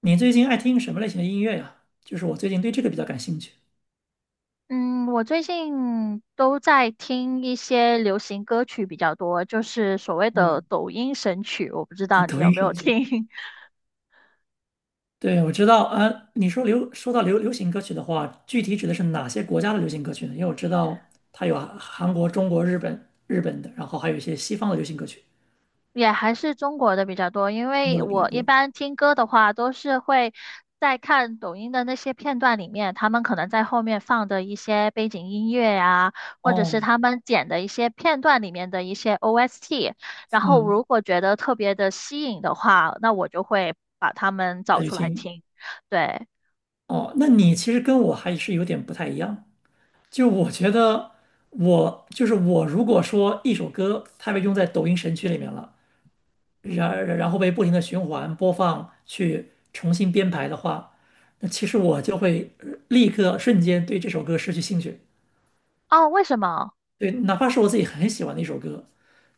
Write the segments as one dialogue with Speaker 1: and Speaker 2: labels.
Speaker 1: 你最近爱听什么类型的音乐呀？就是我最近对这个比较感兴趣。
Speaker 2: 嗯，我最近都在听一些流行歌曲比较多，就是所谓的
Speaker 1: 嗯，
Speaker 2: 抖音神曲，我不知道 你
Speaker 1: 抖
Speaker 2: 有
Speaker 1: 音
Speaker 2: 没有
Speaker 1: 神曲。
Speaker 2: 听。
Speaker 1: 对，我知道，啊，你说说到流行歌曲的话，具体指的是哪些国家的流行歌曲呢？因为我知道它有韩国、中国、日本的，然后还有一些西方的流行歌曲，
Speaker 2: 也还是中国的比较多，因
Speaker 1: 中国
Speaker 2: 为
Speaker 1: 的比较
Speaker 2: 我一
Speaker 1: 多。
Speaker 2: 般听歌的话都是会在看抖音的那些片段里面，他们可能在后面放的一些背景音乐呀，或者是
Speaker 1: 哦，
Speaker 2: 他们剪的一些片段里面的一些 OST，然后如
Speaker 1: 嗯，
Speaker 2: 果觉得特别的吸引的话，那我就会把它们找
Speaker 1: 那就
Speaker 2: 出来
Speaker 1: 听。
Speaker 2: 听。对。
Speaker 1: 哦，那你其实跟我还是有点不太一样。就我觉得我，就是我，如果说一首歌它被用在抖音神曲里面了。然后被不停的循环播放去重新编排的话，那其实我就会立刻瞬间对这首歌失去兴趣。
Speaker 2: 哦，为什么？
Speaker 1: 对，哪怕是我自己很喜欢的一首歌，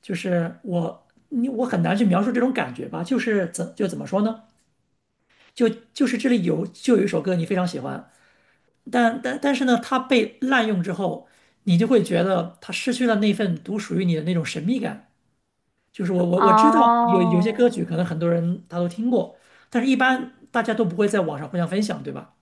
Speaker 1: 就是我很难去描述这种感觉吧，就是怎么说呢？就就是这里有一首歌你非常喜欢，但是呢，它被滥用之后，你就会觉得它失去了那份独属于你的那种神秘感。就是我知道有些
Speaker 2: 哦，
Speaker 1: 歌曲可能很多人他都听过，但是一般大家都不会在网上互相分享，对吧？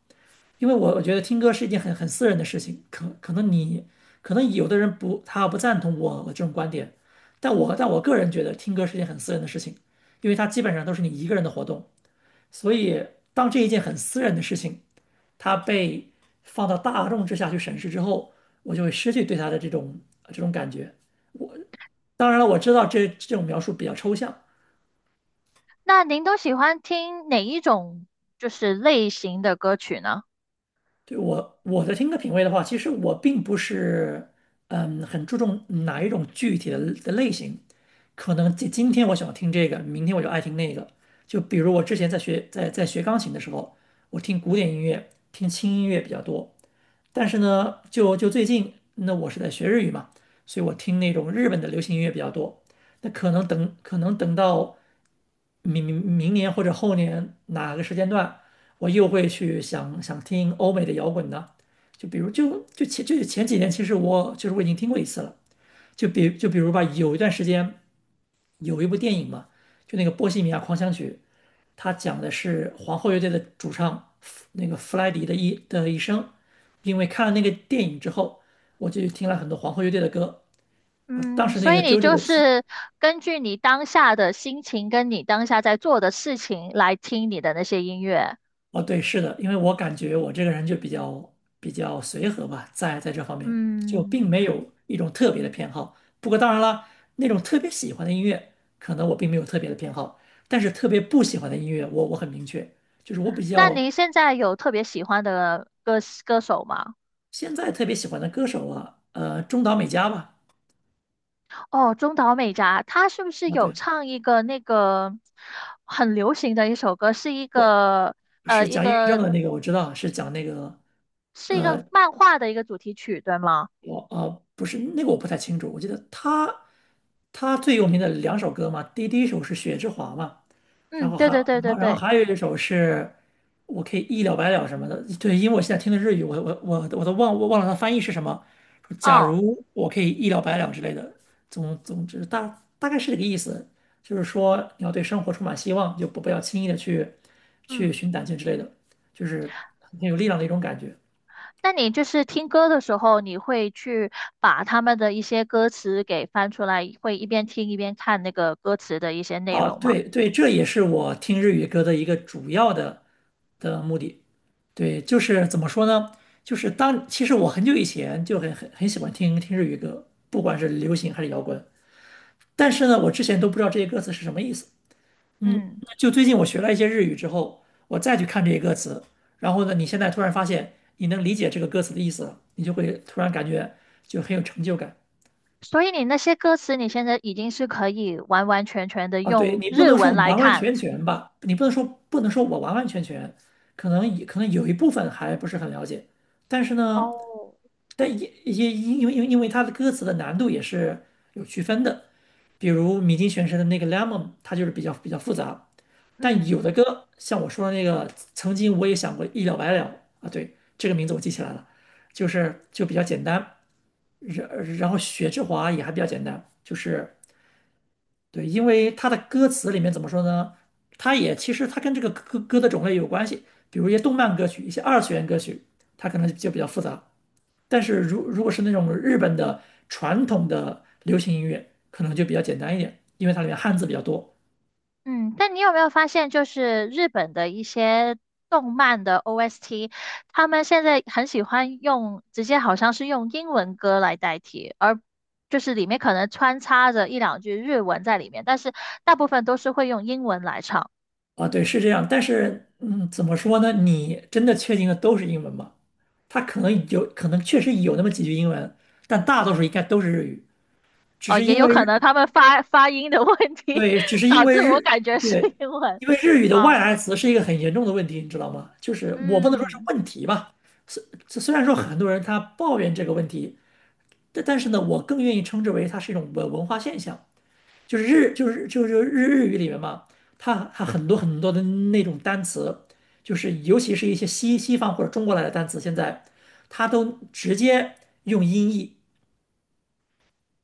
Speaker 1: 因为我觉得听歌是一件很私人的事情，可能有的人不他不赞同我这种观点，但我个人觉得听歌是一件很私人的事情，因为它基本上都是你一个人的活动，所以当这一件很私人的事情它被放到大众之下去审视之后，我就会失去对它的这种感觉。当然了，我知道这种描述比较抽象，
Speaker 2: 那您都喜欢听哪一种就是类型的歌曲呢？
Speaker 1: 对我的听歌品味的话，其实我并不是很注重哪一种具体的类型，可能今天我喜欢听这个，明天我就爱听那个。就比如我之前在学钢琴的时候，我听古典音乐、听轻音乐比较多，但是呢，就最近那我是在学日语嘛，所以我听那种日本的流行音乐比较多。那可能等到明年或者后年哪个时间段，我又会去想听欧美的摇滚呢？就比如就就前就前几年，其实我就是我已经听过一次了。就比如吧，有一段时间有一部电影嘛，就那个《波西米亚狂想曲》，它讲的是皇后乐队的主唱那个弗莱迪的一生。因为看了那个电影之后，我就听了很多皇后乐队的歌啊。当
Speaker 2: 嗯，
Speaker 1: 时那
Speaker 2: 所
Speaker 1: 个
Speaker 2: 以你
Speaker 1: JoJo
Speaker 2: 就
Speaker 1: 的骑。
Speaker 2: 是根据你当下的心情跟你当下在做的事情来听你的那些音乐。
Speaker 1: 哦，对，是的，因为我感觉我这个人就比较随和吧，在这方面就
Speaker 2: 嗯，
Speaker 1: 并没有一种特别的偏好。不过当然了，那种特别喜欢的音乐，可能我并没有特别的偏好，但是特别不喜欢的音乐我很明确，就是我比
Speaker 2: 那
Speaker 1: 较。
Speaker 2: 您现在有特别喜欢的歌手吗？
Speaker 1: 现在特别喜欢的歌手啊，中岛美嘉吧，
Speaker 2: 哦，中岛美嘉，她是不是
Speaker 1: 啊，
Speaker 2: 有
Speaker 1: 对，
Speaker 2: 唱一个那个很流行的一首歌，是一
Speaker 1: 我。
Speaker 2: 个
Speaker 1: 是
Speaker 2: 一
Speaker 1: 讲抑郁
Speaker 2: 个
Speaker 1: 症的那个，我知道是讲那个
Speaker 2: 是一个漫画的一个主题曲，对吗？
Speaker 1: 我不是那个我不太清楚，我记得他最有名的两首歌嘛，第一首是《雪之华》嘛，然
Speaker 2: 嗯，
Speaker 1: 后
Speaker 2: 对
Speaker 1: 还
Speaker 2: 对对
Speaker 1: 然
Speaker 2: 对
Speaker 1: 后然后
Speaker 2: 对，
Speaker 1: 还有一首是我可以一了百了什么的，对，因为我现在听的日语，我都忘了它翻译是什么，说假
Speaker 2: 哦，
Speaker 1: 如我可以一了百了之类的，总之大概是这个意思，就是说你要对生活充满希望，就不要轻易的去
Speaker 2: 嗯，
Speaker 1: 寻短见之类的，就是很有力量的一种感觉。
Speaker 2: 那你就是听歌的时候，你会去把他们的一些歌词给翻出来，会一边听一边看那个歌词的一些内
Speaker 1: 啊，
Speaker 2: 容吗？
Speaker 1: 对对，这也是我听日语歌的一个主要的目的。对，就是怎么说呢？就是当其实我很久以前就很喜欢听日语歌，不管是流行还是摇滚。但是呢，我之前都不知道这些歌词是什么意思。嗯，
Speaker 2: 嗯，
Speaker 1: 就最近我学了一些日语之后，我再去看这些歌词，然后呢，你现在突然发现你能理解这个歌词的意思了，你就会突然感觉就很有成就感。
Speaker 2: 所以你那些歌词，你现在已经是可以完完全全的
Speaker 1: 啊，对
Speaker 2: 用
Speaker 1: 你不
Speaker 2: 日
Speaker 1: 能说
Speaker 2: 文来
Speaker 1: 完完
Speaker 2: 看。
Speaker 1: 全全吧，你不能说我完完全全，可能有一部分还不是很了解，但是呢，
Speaker 2: 哦，
Speaker 1: 但也因为它的歌词的难度也是有区分的，比如米津玄师的那个《Lemon》，它就是比较复杂，但
Speaker 2: 嗯。
Speaker 1: 有的歌像我说的那个，曾经我也想过一了百了啊，对，这个名字我记起来了，就是比较简单，然后雪之华也还比较简单，就是。对，因为它的歌词里面怎么说呢？其实它跟这个歌的种类有关系，比如一些动漫歌曲、一些二次元歌曲，它可能就比较复杂。但是如果是那种日本的传统的流行音乐，可能就比较简单一点，因为它里面汉字比较多
Speaker 2: 嗯，但你有没有发现，就是日本的一些动漫的 OST,他们现在很喜欢用，直接好像是用英文歌来代替，而就是里面可能穿插着一两句日文在里面，但是大部分都是会用英文来唱。
Speaker 1: 啊。对，是这样。但是怎么说呢？你真的确定的都是英文吗？它可能确实有那么几句英文，但大多数应该都是日语，只
Speaker 2: 哦，
Speaker 1: 是
Speaker 2: 也
Speaker 1: 因
Speaker 2: 有
Speaker 1: 为
Speaker 2: 可能
Speaker 1: 日
Speaker 2: 他们发音的问题，
Speaker 1: 对，只 是因
Speaker 2: 导致
Speaker 1: 为
Speaker 2: 我
Speaker 1: 日，
Speaker 2: 感觉是
Speaker 1: 对，
Speaker 2: 英文。
Speaker 1: 因为日语的外
Speaker 2: 啊，
Speaker 1: 来词是一个很严重的问题，你知道吗？就是我不能说是
Speaker 2: 嗯，
Speaker 1: 问题吧，虽然说很多人他抱怨这个问题，但是呢，我更愿意称之为它是一种文化现象，就是日就是就是日日语里面嘛，它很多很多的那种单词，就是尤其是一些西方或者中国来的单词，现在它都直接用音译，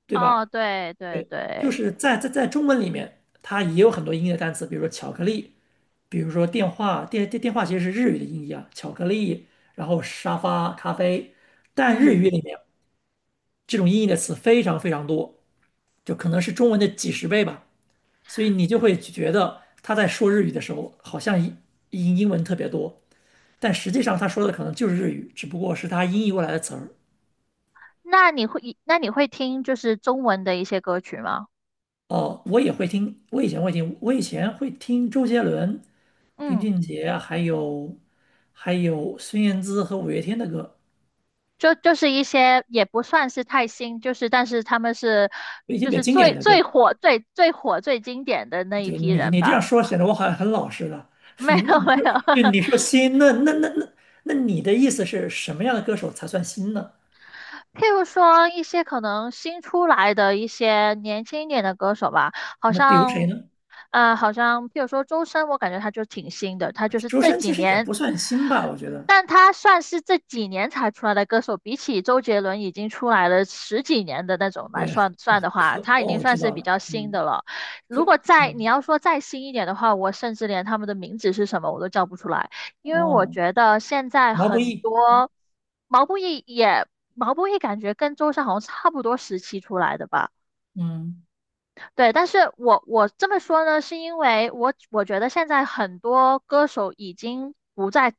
Speaker 1: 对
Speaker 2: 哦，
Speaker 1: 吧？
Speaker 2: 对对
Speaker 1: 对，就
Speaker 2: 对，
Speaker 1: 是在中文里面，它也有很多音译的单词，比如说巧克力。比如说电话，电话其实是日语的音译啊，巧克力，然后沙发、咖啡，但日语
Speaker 2: 嗯，
Speaker 1: 里面这种音译的词非常非常多，就可能是中文的几十倍吧，所以你就会觉得他在说日语的时候，好像英文特别多，但实际上他说的可能就是日语，只不过是他音译过来的词儿。
Speaker 2: 那你会，那你会听就是中文的一些歌曲吗？
Speaker 1: 哦，我也会听，我以前会听，我以前会听周杰伦、林
Speaker 2: 嗯。
Speaker 1: 俊杰，还有孙燕姿和五月天的歌，
Speaker 2: 就就是一些也不算是太新，就是但是他们是
Speaker 1: 一些
Speaker 2: 就
Speaker 1: 比较
Speaker 2: 是
Speaker 1: 经
Speaker 2: 最
Speaker 1: 典的，
Speaker 2: 最
Speaker 1: 对。
Speaker 2: 火最最火最经典的那一
Speaker 1: 对。
Speaker 2: 批
Speaker 1: 你，
Speaker 2: 人
Speaker 1: 你这样
Speaker 2: 吧。
Speaker 1: 说显得我好像很老实了。
Speaker 2: 没有
Speaker 1: 嗯，
Speaker 2: 没
Speaker 1: 就
Speaker 2: 有，
Speaker 1: 就你说新，那你的意思是什么样的歌手才算新呢？
Speaker 2: 譬如说一些可能新出来的一些年轻一点的歌手吧，好
Speaker 1: 那比如谁
Speaker 2: 像，
Speaker 1: 呢？
Speaker 2: 好像譬如说周深，我感觉他就挺新的，他就是
Speaker 1: 周
Speaker 2: 这
Speaker 1: 深
Speaker 2: 几
Speaker 1: 其实也
Speaker 2: 年，
Speaker 1: 不算新吧，我觉得。
Speaker 2: 但他算是这几年才出来的歌手，比起周杰伦已经出来了十几年的那种来
Speaker 1: 对，
Speaker 2: 算
Speaker 1: 哦，
Speaker 2: 算的话，他已
Speaker 1: 哦，
Speaker 2: 经
Speaker 1: 我
Speaker 2: 算
Speaker 1: 知
Speaker 2: 是
Speaker 1: 道
Speaker 2: 比
Speaker 1: 了，
Speaker 2: 较新
Speaker 1: 嗯，
Speaker 2: 的了。
Speaker 1: 可
Speaker 2: 如果再你
Speaker 1: 嗯
Speaker 2: 要说再新一点的话，我甚至连他们的名字是什么我都叫不出来。因为我
Speaker 1: 哦，
Speaker 2: 觉得现在
Speaker 1: 毛不
Speaker 2: 很
Speaker 1: 易，
Speaker 2: 多毛不易也毛不易感觉跟周深好像差不多时期出来的吧。
Speaker 1: 嗯，
Speaker 2: 对，但是我这么说呢，是因为我觉得现在很多歌手已经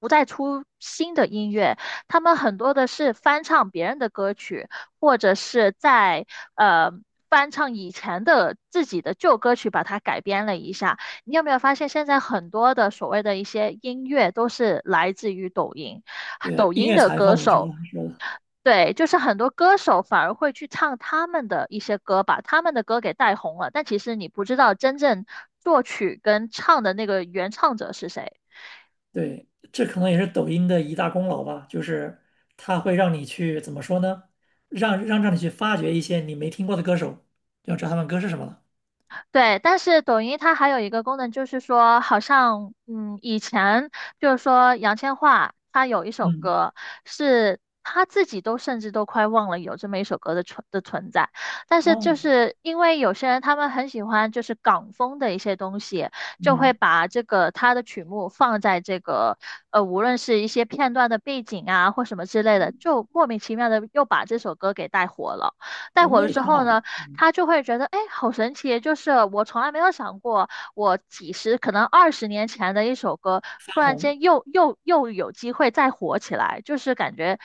Speaker 2: 不再出新的音乐，他们很多的是翻唱别人的歌曲，或者是在呃翻唱以前的自己的旧歌曲，把它改编了一下。你有没有发现，现在很多的所谓的一些音乐都是来自于抖音，
Speaker 1: 对，
Speaker 2: 抖
Speaker 1: 音
Speaker 2: 音
Speaker 1: 乐
Speaker 2: 的
Speaker 1: 裁
Speaker 2: 歌
Speaker 1: 缝我知道
Speaker 2: 手。
Speaker 1: 是的，
Speaker 2: 对，就是很多歌手反而会去唱他们的一些歌，把他们的歌给带红了，但其实你不知道真正作曲跟唱的那个原唱者是谁。
Speaker 1: 对，这可能也是抖音的一大功劳吧，就是它会让你去怎么说呢？让你去发掘一些你没听过的歌手，要知道他们歌是什么了。
Speaker 2: 对，但是抖音它还有一个功能，就是说，好像嗯，以前就是说杨千嬅她有一首
Speaker 1: 嗯，
Speaker 2: 歌，是她自己都甚至都快忘了有这么一首歌的存在，但是就
Speaker 1: 哦，
Speaker 2: 是因为有些人他们很喜欢就是港风的一些东西，就会
Speaker 1: 嗯，
Speaker 2: 把这个他的曲目放在这个无论是一些片段的背景啊或什么之类的，就莫名其妙的又把这首歌给带火了。带
Speaker 1: 对，
Speaker 2: 火
Speaker 1: 那
Speaker 2: 了
Speaker 1: 也
Speaker 2: 之
Speaker 1: 挺
Speaker 2: 后
Speaker 1: 好的，
Speaker 2: 呢？
Speaker 1: 嗯，
Speaker 2: 他就会觉得，哎，好神奇！就是我从来没有想过，我几十可能20年前的一首歌，
Speaker 1: 翻
Speaker 2: 突然
Speaker 1: 红，
Speaker 2: 间又有机会再火起来，就是感觉，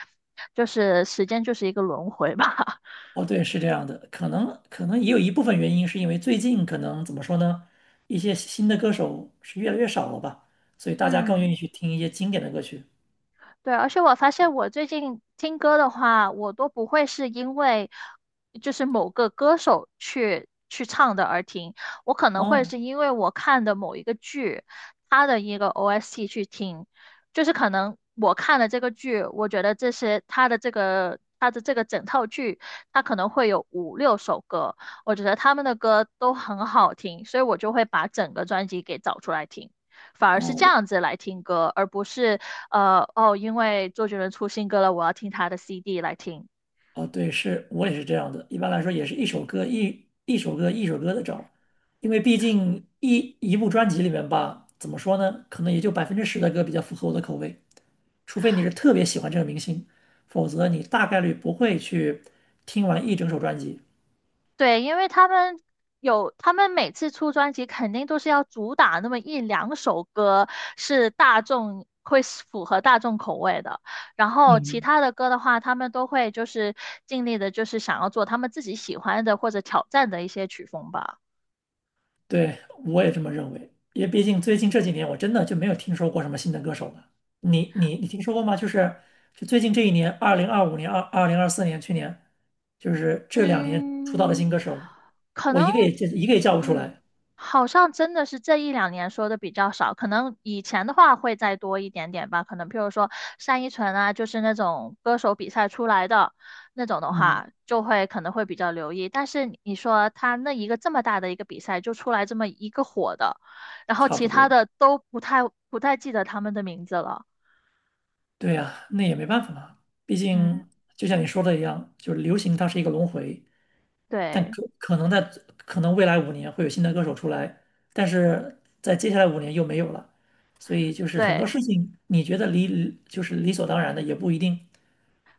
Speaker 2: 就是时间就是一个轮回吧。
Speaker 1: 哦，对，是这样的，可能也有一部分原因是因为最近可能怎么说呢，一些新的歌手是越来越少了吧，所以大家更愿
Speaker 2: 嗯，
Speaker 1: 意去听一些经典的歌曲。
Speaker 2: 对，而且我发现我最近听歌的话，我都不会是因为就是某个歌手去唱的而听，我可能会
Speaker 1: 哦，
Speaker 2: 是因为我看的某一个剧，它的一个 OST 去听，就是可能我看了这个剧，我觉得这些它的这个整套剧，它可能会有五六首歌，我觉得他们的歌都很好听，所以我就会把整个专辑给找出来听。反而是
Speaker 1: 哦，
Speaker 2: 这样子来听歌，而不是哦，因为周杰伦出新歌了，我要听他的 CD 来听。
Speaker 1: 哦，对，是我也是这样的，一般来说也是一首歌一首歌的找，因为毕竟一部专辑里面吧，怎么说呢，可能也就10%的歌比较符合我的口味，除非你是特别喜欢这个明星，否则你大概率不会去听完一整首专辑。
Speaker 2: 对，因为他们有，他们每次出专辑肯定都是要主打那么一两首歌是大众会是符合大众口味的，然后其
Speaker 1: 嗯，
Speaker 2: 他的歌的话，他们都会就是尽力的，就是想要做他们自己喜欢的或者挑战的一些曲风吧。
Speaker 1: 对，我也这么认为，因为毕竟最近这几年我真的就没有听说过什么新的歌手了。你听说过吗？就是就最近这一年，2025年、二零二四年，去年就是这2年出道的
Speaker 2: 嗯，
Speaker 1: 新歌手，
Speaker 2: 可
Speaker 1: 我
Speaker 2: 能，
Speaker 1: 一个也一个也叫不出
Speaker 2: 嗯，
Speaker 1: 来。
Speaker 2: 好像真的是这一两年说的比较少，可能以前的话会再多一点点吧。可能譬如说单依纯啊，就是那种歌手比赛出来的那种的
Speaker 1: 嗯，
Speaker 2: 话，就会可能会比较留意。但是你说他那一个这么大的一个比赛就出来这么一个火的，然后
Speaker 1: 差
Speaker 2: 其
Speaker 1: 不
Speaker 2: 他
Speaker 1: 多。
Speaker 2: 的都不太记得他们的名字了。
Speaker 1: 对呀，那也没办法嘛，毕
Speaker 2: 嗯，
Speaker 1: 竟就像你说的一样，就是流行它是一个轮回，但
Speaker 2: 对
Speaker 1: 可能未来5年会有新的歌手出来，但是在接下来5年又没有了，所以就是很多
Speaker 2: 对。
Speaker 1: 事情你觉得理就是理所当然的也不一定。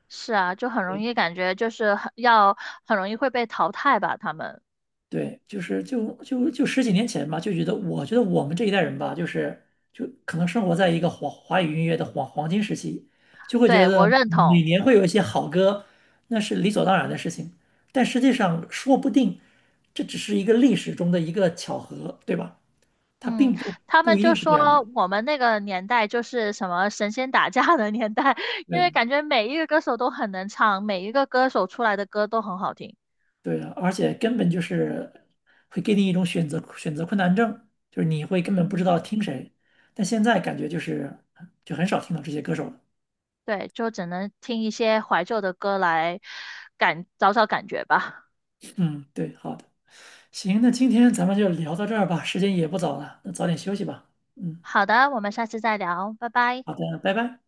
Speaker 2: 是啊，就很容
Speaker 1: 对，
Speaker 2: 易感觉很容易会被淘汰吧，他们。
Speaker 1: 对就是就就就十几年前吧，就觉得我觉得我们这一代人吧，就是就可能生活在一个华华语音乐的黄黄金时期，就会觉
Speaker 2: 对，我
Speaker 1: 得
Speaker 2: 认
Speaker 1: 每
Speaker 2: 同。
Speaker 1: 年会有一些好歌，那是理所当然的事情。但实际上，说不定这只是一个历史中的一个巧合，对吧？它
Speaker 2: 嗯，
Speaker 1: 并不
Speaker 2: 他
Speaker 1: 不
Speaker 2: 们
Speaker 1: 一
Speaker 2: 就
Speaker 1: 定是这样
Speaker 2: 说
Speaker 1: 的。
Speaker 2: 我们那个年代就是什么神仙打架的年代，因为
Speaker 1: 对
Speaker 2: 感觉每一个歌手都很能唱，每一个歌手出来的歌都很好听。
Speaker 1: 对的，而且根本就是会给你一种选择困难症，就是你会根本不知
Speaker 2: 嗯，
Speaker 1: 道听谁。但现在感觉就是很少听到这些歌手了。
Speaker 2: 对，就只能听一些怀旧的歌来找找感觉吧。
Speaker 1: 嗯，对，好的，行，那今天咱们就聊到这儿吧，时间也不早了，那早点休息吧。嗯，
Speaker 2: 好的，我们下次再聊，拜拜。
Speaker 1: 好的，拜拜。